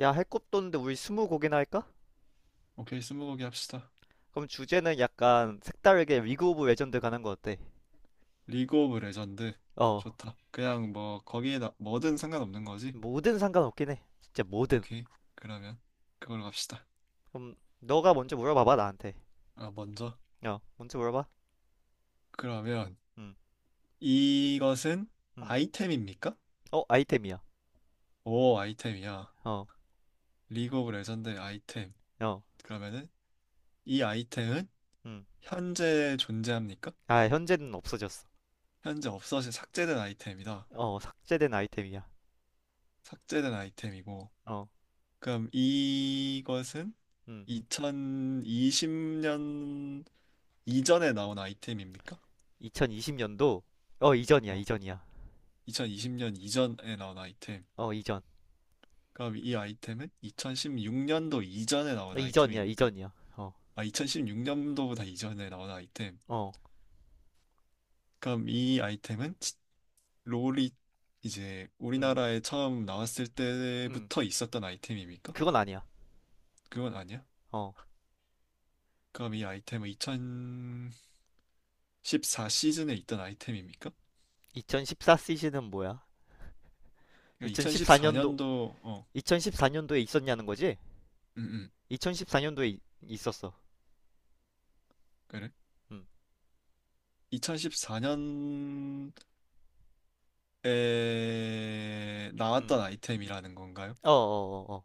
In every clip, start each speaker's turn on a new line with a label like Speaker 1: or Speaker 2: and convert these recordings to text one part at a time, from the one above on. Speaker 1: 야, 할 것도 없는데 우리 스무 곡이나 할까?
Speaker 2: 오케이, 스무고개 합시다.
Speaker 1: 그럼 주제는 약간 색다르게 리그 오브 레전드 가는 거 어때?
Speaker 2: 리그 오브 레전드.
Speaker 1: 어,
Speaker 2: 좋다. 그냥 뭐, 거기에 나, 뭐든 상관없는 거지?
Speaker 1: 뭐든 상관없긴 해. 진짜 뭐든.
Speaker 2: 오케이. 그러면, 그걸로 갑시다.
Speaker 1: 그럼 너가 먼저 물어봐봐, 나한테.
Speaker 2: 아, 먼저.
Speaker 1: 어, 먼저 물어봐.
Speaker 2: 그러면,
Speaker 1: 응,
Speaker 2: 이것은
Speaker 1: 응.
Speaker 2: 아이템입니까?
Speaker 1: 어, 아이템이야.
Speaker 2: 오, 아이템이야.
Speaker 1: 어,
Speaker 2: 리그 오브 레전드의 아이템.
Speaker 1: 어,
Speaker 2: 그러면은, 이 아이템은
Speaker 1: 응.
Speaker 2: 현재 존재합니까?
Speaker 1: 아, 현재는 없어졌어.
Speaker 2: 현재 없어진 삭제된 아이템이다.
Speaker 1: 어, 삭제된 아이템이야.
Speaker 2: 삭제된 아이템이고,
Speaker 1: 어,
Speaker 2: 그럼 이것은
Speaker 1: 응.
Speaker 2: 2020년 이전에 나온 아이템입니까?
Speaker 1: 2020년도, 이전이야,
Speaker 2: 어,
Speaker 1: 이전이야.
Speaker 2: 2020년 이전에 나온 아이템.
Speaker 1: 어, 이전.
Speaker 2: 그럼 이 아이템은 2016년도 이전에
Speaker 1: 어,
Speaker 2: 나온
Speaker 1: 이전이야,
Speaker 2: 아이템입니까?
Speaker 1: 이전이야. 어,
Speaker 2: 아, 2016년도보다 이전에 나온 아이템.
Speaker 1: 어,
Speaker 2: 그럼 이 아이템은 롤이 이제
Speaker 1: 응,
Speaker 2: 우리나라에 처음 나왔을
Speaker 1: 응.
Speaker 2: 때부터 있었던 아이템입니까?
Speaker 1: 그건 아니야.
Speaker 2: 그건 아니야.
Speaker 1: 어,
Speaker 2: 그럼 이 아이템은 2014 시즌에 있던 아이템입니까?
Speaker 1: 2014 시즌은 뭐야?
Speaker 2: 그러니까
Speaker 1: 2014년도
Speaker 2: 2014년도 .
Speaker 1: 2014년도에 있었냐는 거지?
Speaker 2: 음, 음,
Speaker 1: 2014년도에 있었어.
Speaker 2: 그래.
Speaker 1: 음.
Speaker 2: 2014년에
Speaker 1: 음.
Speaker 2: 나왔던 아이템이라는 건가요?
Speaker 1: 어, 어, 어, 어.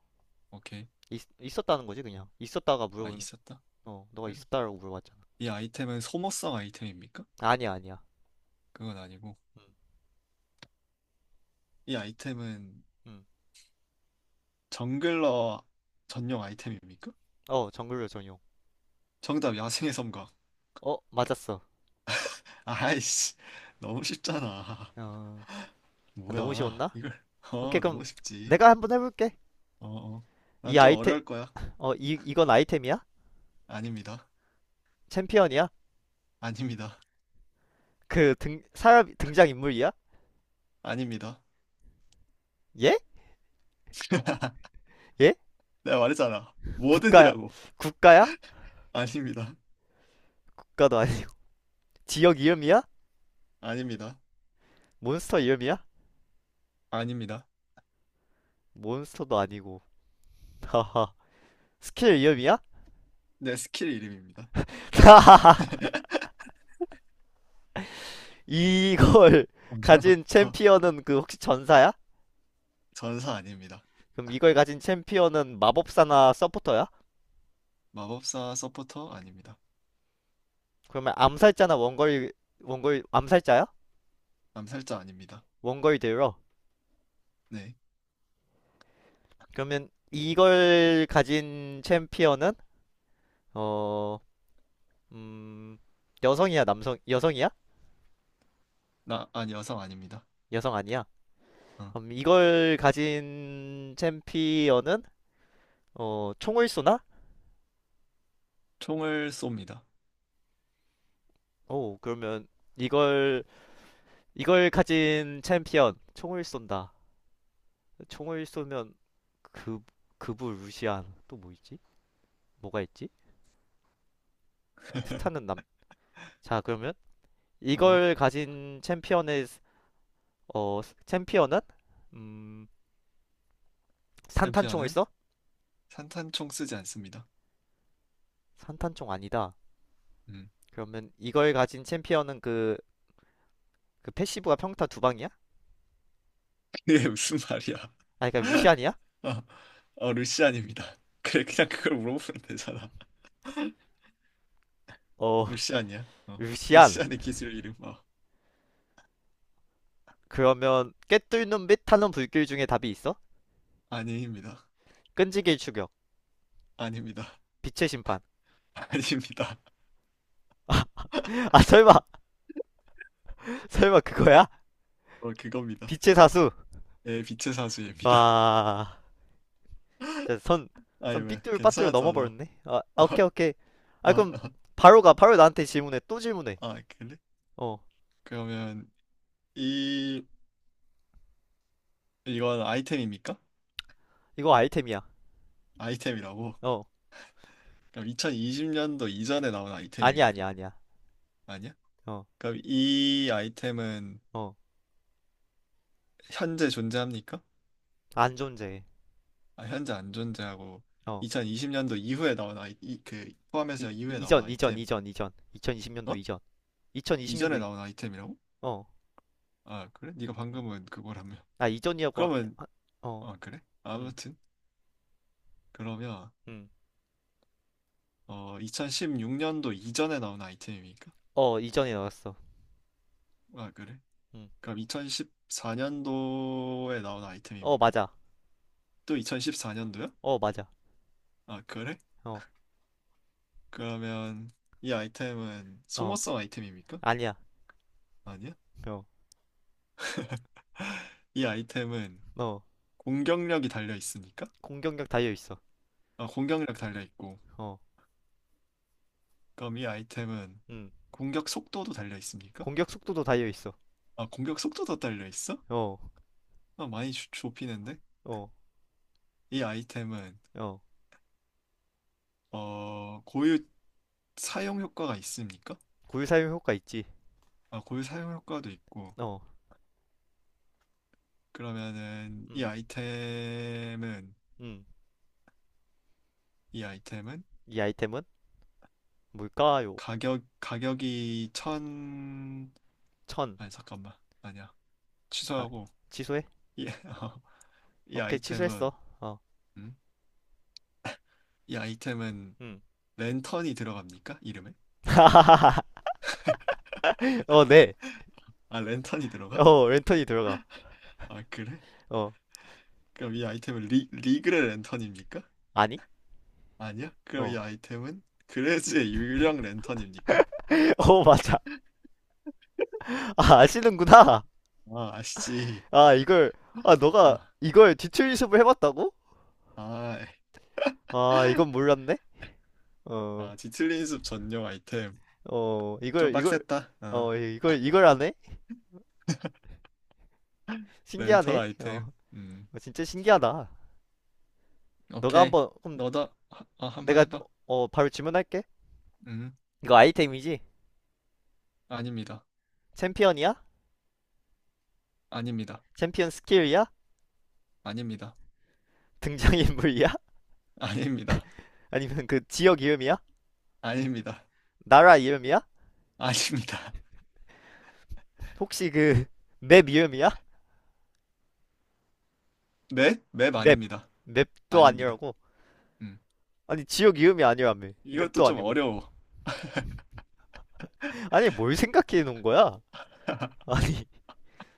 Speaker 2: 오케이.
Speaker 1: 있었다는 거지, 그냥. 있었다가
Speaker 2: 아,
Speaker 1: 물어본
Speaker 2: 있었다.
Speaker 1: 어, 너가
Speaker 2: 그래.
Speaker 1: 있었다라고 물어봤잖아.
Speaker 2: 이 아이템은 소모성 아이템입니까?
Speaker 1: 아니야, 아니야.
Speaker 2: 그건 아니고.
Speaker 1: 음.
Speaker 2: 이 아이템은
Speaker 1: 음.
Speaker 2: 정글러 전용 아이템입니까?
Speaker 1: 어, 정글러 전용.
Speaker 2: 정답, 야생의 섬광.
Speaker 1: 어, 맞았어.
Speaker 2: 아이씨, 너무 쉽잖아.
Speaker 1: 어. 아, 너무
Speaker 2: 뭐야,
Speaker 1: 쉬웠나?
Speaker 2: 이걸.
Speaker 1: 오케이,
Speaker 2: 어,
Speaker 1: 그럼
Speaker 2: 너무 쉽지.
Speaker 1: 내가 한번 해볼게.
Speaker 2: 어, 어.
Speaker 1: 이
Speaker 2: 난 좀
Speaker 1: 아이템
Speaker 2: 어려울 거야.
Speaker 1: 이 이건 아이템이야?
Speaker 2: 아닙니다.
Speaker 1: 챔피언이야?
Speaker 2: 아닙니다.
Speaker 1: 그 등 사람 등장 인물이야?
Speaker 2: 아닙니다.
Speaker 1: 예? 예?
Speaker 2: 내가 말했잖아.
Speaker 1: 국가야?
Speaker 2: 뭐든이라고.
Speaker 1: 국가야?
Speaker 2: 아닙니다.
Speaker 1: 국가도 아니. 지역 이름이야?
Speaker 2: 아닙니다.
Speaker 1: 몬스터 이름이야?
Speaker 2: 아닙니다.
Speaker 1: 몬스터도 아니고. 하하. 스킬 위험이야?
Speaker 2: 내 스킬 이름입니다.
Speaker 1: 하하. 이걸 가진
Speaker 2: 어,
Speaker 1: 챔피언은 그 혹시 전사야?
Speaker 2: 전사 아닙니다.
Speaker 1: 그럼 이걸 가진 챔피언은 마법사나 서포터야?
Speaker 2: 마법사 서포터 아닙니다.
Speaker 1: 그러면 암살자나 원거리 암살자야?
Speaker 2: 암살자 아닙니다.
Speaker 1: 원거리 딜러.
Speaker 2: 네.
Speaker 1: 그러면 이걸 가진 챔피언은 어, 음, 남성, 여성이야?
Speaker 2: 나, 아니, 여성 아닙니다.
Speaker 1: 여성 아니야?
Speaker 2: 어.
Speaker 1: 그럼 이걸 가진 챔피언은 총을 쏘나?
Speaker 2: 총을 쏩니다.
Speaker 1: 오, 그러면 이걸 이걸 가진 챔피언 총을 쏜다. 총을 쏘면 그 그부 루시안 또 뭐 있지? 뭐가 있지? 스타는 남. 자 그러면
Speaker 2: 어.
Speaker 1: 이걸 가진 챔피언의 어 챔피언은 음 산탄총을
Speaker 2: 챔피언은
Speaker 1: 써?
Speaker 2: 산탄총 쓰지 않습니다.
Speaker 1: 산탄총 아니다.
Speaker 2: 음.
Speaker 1: 그러면 이걸 가진 챔피언은 그 패시브가 평타 두 방이야?
Speaker 2: 그게 무슨 말이야.
Speaker 1: 아 그러니까 루시안이야?
Speaker 2: 어, 어, 루시안입니다. 그래, 그냥 그걸 물어보면 되잖아.
Speaker 1: 어
Speaker 2: 루시안이야. 어.
Speaker 1: 루시안.
Speaker 2: 루시안의 기술 이름. 어.
Speaker 1: 그러면 깨뚫는 및 타는 불길 중에 답이 있어?
Speaker 2: 아닙니다.
Speaker 1: 끈질길 추격,
Speaker 2: 아닙니다.
Speaker 1: 빛의 심판.
Speaker 2: 아닙니다.
Speaker 1: 아 설마 설마 그거야?
Speaker 2: 어, 그겁니다.
Speaker 1: 빛의 사수.
Speaker 2: 예, 빛의 사수입니다.
Speaker 1: 와, 진짜 선,
Speaker 2: 아이,
Speaker 1: 선
Speaker 2: 왜,
Speaker 1: 삐뚤 빠뚤
Speaker 2: 괜찮았잖아.
Speaker 1: 넘어버렸네. 아, 아, 오케이,
Speaker 2: 아,
Speaker 1: 오케이. 아,
Speaker 2: 아,
Speaker 1: 그럼 바로 가. 바로 나한테 질문해. 또 질문해.
Speaker 2: 아, 그래?
Speaker 1: 어,
Speaker 2: 그러면, 이, 이건 아이템입니까?
Speaker 1: 이거 아이템이야.
Speaker 2: 아이템이라고?
Speaker 1: 어,
Speaker 2: 그럼 2020년도 이전에 나온
Speaker 1: 아니야,
Speaker 2: 아이템입니까?
Speaker 1: 아니야, 아니야.
Speaker 2: 아니야?
Speaker 1: 어,
Speaker 2: 그럼 이 아이템은
Speaker 1: 어,
Speaker 2: 현재 존재합니까?
Speaker 1: 안 존재해.
Speaker 2: 아, 현재 안 존재하고,
Speaker 1: 어,
Speaker 2: 2020년도 이후에 나온 포함해서 이후에 나온
Speaker 1: 이전, 이전,
Speaker 2: 아이템.
Speaker 1: 이전, 이전. 2020년도
Speaker 2: 어?
Speaker 1: 이전. 2020년도,
Speaker 2: 이전에
Speaker 1: 이,
Speaker 2: 나온 아이템이라고?
Speaker 1: 어.
Speaker 2: 아, 그래? 네가
Speaker 1: 음.
Speaker 2: 방금은 그거라며.
Speaker 1: 아, 이전이라고, 하-
Speaker 2: 그러면,
Speaker 1: 하- 어,
Speaker 2: 아, 그래?
Speaker 1: 음,
Speaker 2: 아무튼. 그러면
Speaker 1: 음.
Speaker 2: 2016년도 이전에 나온 아이템입니까?
Speaker 1: 어, 이전에 나왔어.
Speaker 2: 아, 그래?
Speaker 1: 음.
Speaker 2: 그럼 2014년도에 나온
Speaker 1: 어,
Speaker 2: 아이템입니까?
Speaker 1: 맞아.
Speaker 2: 또 2014년도야?
Speaker 1: 어, 맞아.
Speaker 2: 아, 그래?
Speaker 1: 어,
Speaker 2: 그러면 이 아이템은
Speaker 1: 어,
Speaker 2: 소모성 아이템입니까?
Speaker 1: 아니야.
Speaker 2: 아니야?
Speaker 1: 어,
Speaker 2: 이 아이템은
Speaker 1: 어.
Speaker 2: 공격력이 달려 있습니까?
Speaker 1: 공격력 달려있어.
Speaker 2: 아, 공격력 달려 있고,
Speaker 1: 어,
Speaker 2: 그럼 이 아이템은
Speaker 1: 음.
Speaker 2: 공격 속도도 달려 있습니까?
Speaker 1: 공격 속도도 달려 있어.
Speaker 2: 아, 공격 속도도 달려 있어?
Speaker 1: 어,
Speaker 2: 아, 많이 좁히는데?
Speaker 1: 어,
Speaker 2: 이 아이템은
Speaker 1: 어.
Speaker 2: 어, 고유 사용 효과가 있습니까?
Speaker 1: 구유 사용 효과 있지.
Speaker 2: 아, 고유 사용 효과도 있고.
Speaker 1: 어,
Speaker 2: 그러면은 이
Speaker 1: 음,
Speaker 2: 아이템은
Speaker 1: 음.
Speaker 2: 이 아이템은
Speaker 1: 이 아이템은 뭘까요?
Speaker 2: 가격 가격이 천
Speaker 1: 천.
Speaker 2: 아니 잠깐만. 아니야.
Speaker 1: 아,
Speaker 2: 취소하고
Speaker 1: 취소해?
Speaker 2: 이, 이
Speaker 1: 오케이, 취소했어.
Speaker 2: 아이템은
Speaker 1: 어,
Speaker 2: 음? 이 아이템은
Speaker 1: 음.
Speaker 2: 랜턴이 들어갑니까? 이름에?
Speaker 1: 어, 네.
Speaker 2: 아, 랜턴이 들어가?
Speaker 1: 어, 랜턴이 들어가.
Speaker 2: 아, 그래?
Speaker 1: 어,
Speaker 2: 그럼 이 아이템은 리그의 랜턴입니까?
Speaker 1: 아니?
Speaker 2: 아니야? 그럼 이
Speaker 1: 어,
Speaker 2: 아이템은 그레즈의 유령 랜턴입니까?
Speaker 1: 어, 맞아. 아, 아시는구나.
Speaker 2: 아, 아시지.
Speaker 1: 아, 이걸, 아, 너가
Speaker 2: 어.
Speaker 1: 이걸 뒤틀리습을 해봤다고?
Speaker 2: 아,
Speaker 1: 아, 이건 몰랐네. 어,
Speaker 2: 뒤틀린 숲 전용 아이템.
Speaker 1: 어,
Speaker 2: 좀 빡셌다. 아,
Speaker 1: 이걸 안 해?
Speaker 2: 렌털
Speaker 1: 신기하네. 어,
Speaker 2: 아이템. 음.
Speaker 1: 진짜 신기하다. 너가
Speaker 2: 오케이.
Speaker 1: 한번 그럼
Speaker 2: 너도 한번
Speaker 1: 내가
Speaker 2: 해봐.
Speaker 1: 바로 질문할게.
Speaker 2: 음.
Speaker 1: 이거 아이템이지?
Speaker 2: 아닙니다.
Speaker 1: 챔피언이야?
Speaker 2: 아닙니다.
Speaker 1: 챔피언 스킬이야?
Speaker 2: 아닙니다.
Speaker 1: 등장인물이야?
Speaker 2: 아닙니다.
Speaker 1: 아니면 그 지역 이름이야?
Speaker 2: 아닙니다.
Speaker 1: 나라 이름이야?
Speaker 2: 아닙니다.
Speaker 1: 혹시 그 맵 이름이야?
Speaker 2: 네? 맵
Speaker 1: 맵
Speaker 2: 아닙니다.
Speaker 1: 맵도
Speaker 2: 아닙니다.
Speaker 1: 아니라고?
Speaker 2: 음.
Speaker 1: 아니 지역 이름이 아니라며
Speaker 2: 이것도
Speaker 1: 맵도
Speaker 2: 좀
Speaker 1: 아니고
Speaker 2: 어려워.
Speaker 1: 아니 뭘 생각해 놓은 거야? 아니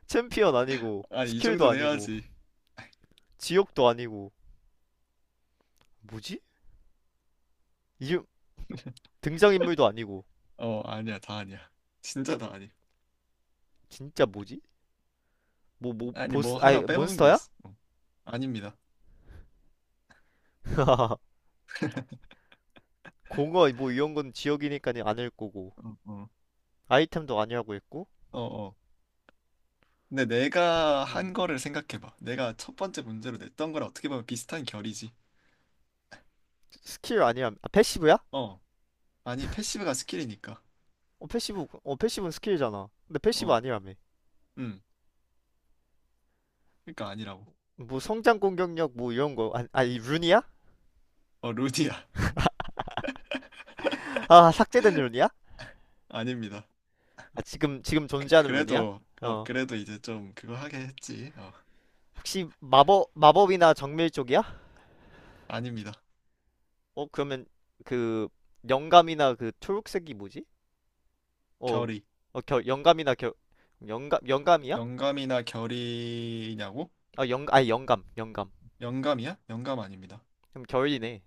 Speaker 1: 챔피언 아니고
Speaker 2: 아니, 이
Speaker 1: 스킬도
Speaker 2: 정도는
Speaker 1: 아니고
Speaker 2: 해야지.
Speaker 1: 지역도 아니고 뭐지? 이름 등장인물도 아니고
Speaker 2: 어, 아니야. 다 아니야. 진짜 다 아니야.
Speaker 1: 진짜 뭐지? 뭐
Speaker 2: 아니,
Speaker 1: 보스
Speaker 2: 뭐
Speaker 1: 아니
Speaker 2: 하나 빼먹은 게
Speaker 1: 몬스터야?
Speaker 2: 있어. 어. 아닙니다.
Speaker 1: 공어 뭐 이런 건 지역이니까 아닐 거고
Speaker 2: 어, 어.
Speaker 1: 아이템도 아니라고 했고
Speaker 2: 어, 어. 근데 내가
Speaker 1: 음.
Speaker 2: 한 거를 생각해봐. 내가 첫 번째 문제로 냈던 거랑 어떻게 보면 비슷한 결이지.
Speaker 1: 스킬 아니야 아, 패시브야?
Speaker 2: 어, 아니, 패시브가 스킬이니까.
Speaker 1: 어 패시브는 스킬이잖아 근데 패시브
Speaker 2: 어,
Speaker 1: 아니라며
Speaker 2: 음, 그러니까 아니라고.
Speaker 1: 뭐 성장 공격력 뭐 이런 거 아니 아니 룬이야?
Speaker 2: 어, 루디야.
Speaker 1: 아 삭제된 룬이야?
Speaker 2: 아닙니다.
Speaker 1: 아 지금
Speaker 2: 그,
Speaker 1: 존재하는 룬이야?
Speaker 2: 그래도, 어,
Speaker 1: 어
Speaker 2: 그래도 이제 좀 그거 하게 했지. 어,
Speaker 1: 혹시 마법이나 정밀 쪽이야?
Speaker 2: 아닙니다.
Speaker 1: 어 그러면 그 영감이나 그 초록색이 뭐지? 어,
Speaker 2: 결이.
Speaker 1: 어 겨, 영감이나 겨 영감이야?
Speaker 2: 영감이나 결이냐고?
Speaker 1: 아 영, 아니 영감 영감
Speaker 2: 영감이야? 영감 아닙니다.
Speaker 1: 그럼 결이네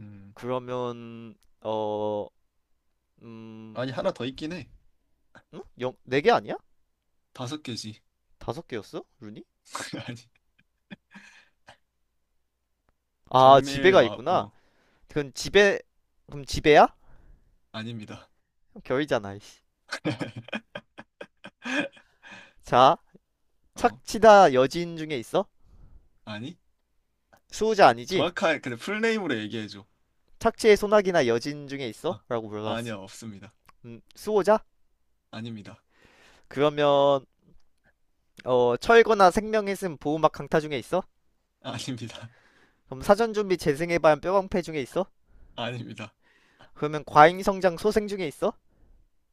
Speaker 2: 음,
Speaker 1: 그러면 어, 음,
Speaker 2: 아니, 하나 더 있긴 해.
Speaker 1: 응? 영, 네개 아니야?
Speaker 2: 다섯 개지.
Speaker 1: 다섯 개였어? 룬이?
Speaker 2: 아니,
Speaker 1: 아,
Speaker 2: 정밀
Speaker 1: 지배가
Speaker 2: 마,
Speaker 1: 있구나.
Speaker 2: 어,
Speaker 1: 그럼 지배, 그럼 지배야?
Speaker 2: 아닙니다.
Speaker 1: 결이잖아, 이씨. 자,
Speaker 2: 어,
Speaker 1: 착취다 여진 중에 있어?
Speaker 2: 아니?
Speaker 1: 수호자 아니지?
Speaker 2: 정확하게, 근데 풀네임으로 얘기해줘.
Speaker 1: 착취의 소나기나 여진 중에 있어?
Speaker 2: 아,
Speaker 1: 라고 물어봤어.
Speaker 2: 아니요, 없습니다.
Speaker 1: 수호자?
Speaker 2: 아닙니다.
Speaker 1: 그러면 철거나 생명의슴 보호막 강타 중에 있어?
Speaker 2: 아닙니다.
Speaker 1: 그럼 사전 준비 재생의 반 뼈방패 중에 있어?
Speaker 2: 아닙니다.
Speaker 1: 그러면 과잉 성장 소생 중에 있어?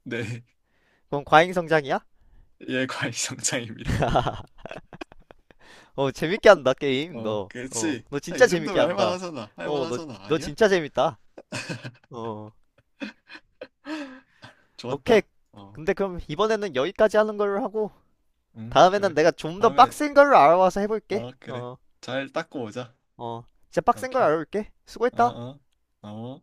Speaker 2: 네,
Speaker 1: 그럼 과잉 성장이야?
Speaker 2: 예, 과일성장입니다.
Speaker 1: 어, 재밌게 한다, 게임,
Speaker 2: 어,
Speaker 1: 너.
Speaker 2: 그렇지.
Speaker 1: 너
Speaker 2: 아,
Speaker 1: 진짜
Speaker 2: 이
Speaker 1: 재밌게
Speaker 2: 정도면
Speaker 1: 한다.
Speaker 2: 할만하잖아.
Speaker 1: 어,
Speaker 2: 할만하잖아.
Speaker 1: 너
Speaker 2: 아니야?
Speaker 1: 진짜 재밌다. 어, 오케이.
Speaker 2: 좋았다. 어,
Speaker 1: 근데 그럼 이번에는 여기까지 하는 걸로 하고,
Speaker 2: 응,
Speaker 1: 다음에는
Speaker 2: 그래.
Speaker 1: 내가 좀 더
Speaker 2: 다음에,
Speaker 1: 빡센 걸로 알아와서 해볼게.
Speaker 2: 어, 그래.
Speaker 1: 어,
Speaker 2: 잘 닦고 오자.
Speaker 1: 어, 진짜 빡센 걸
Speaker 2: 오케이.
Speaker 1: 알아볼게.
Speaker 2: 어,
Speaker 1: 수고했다.
Speaker 2: 어, 어.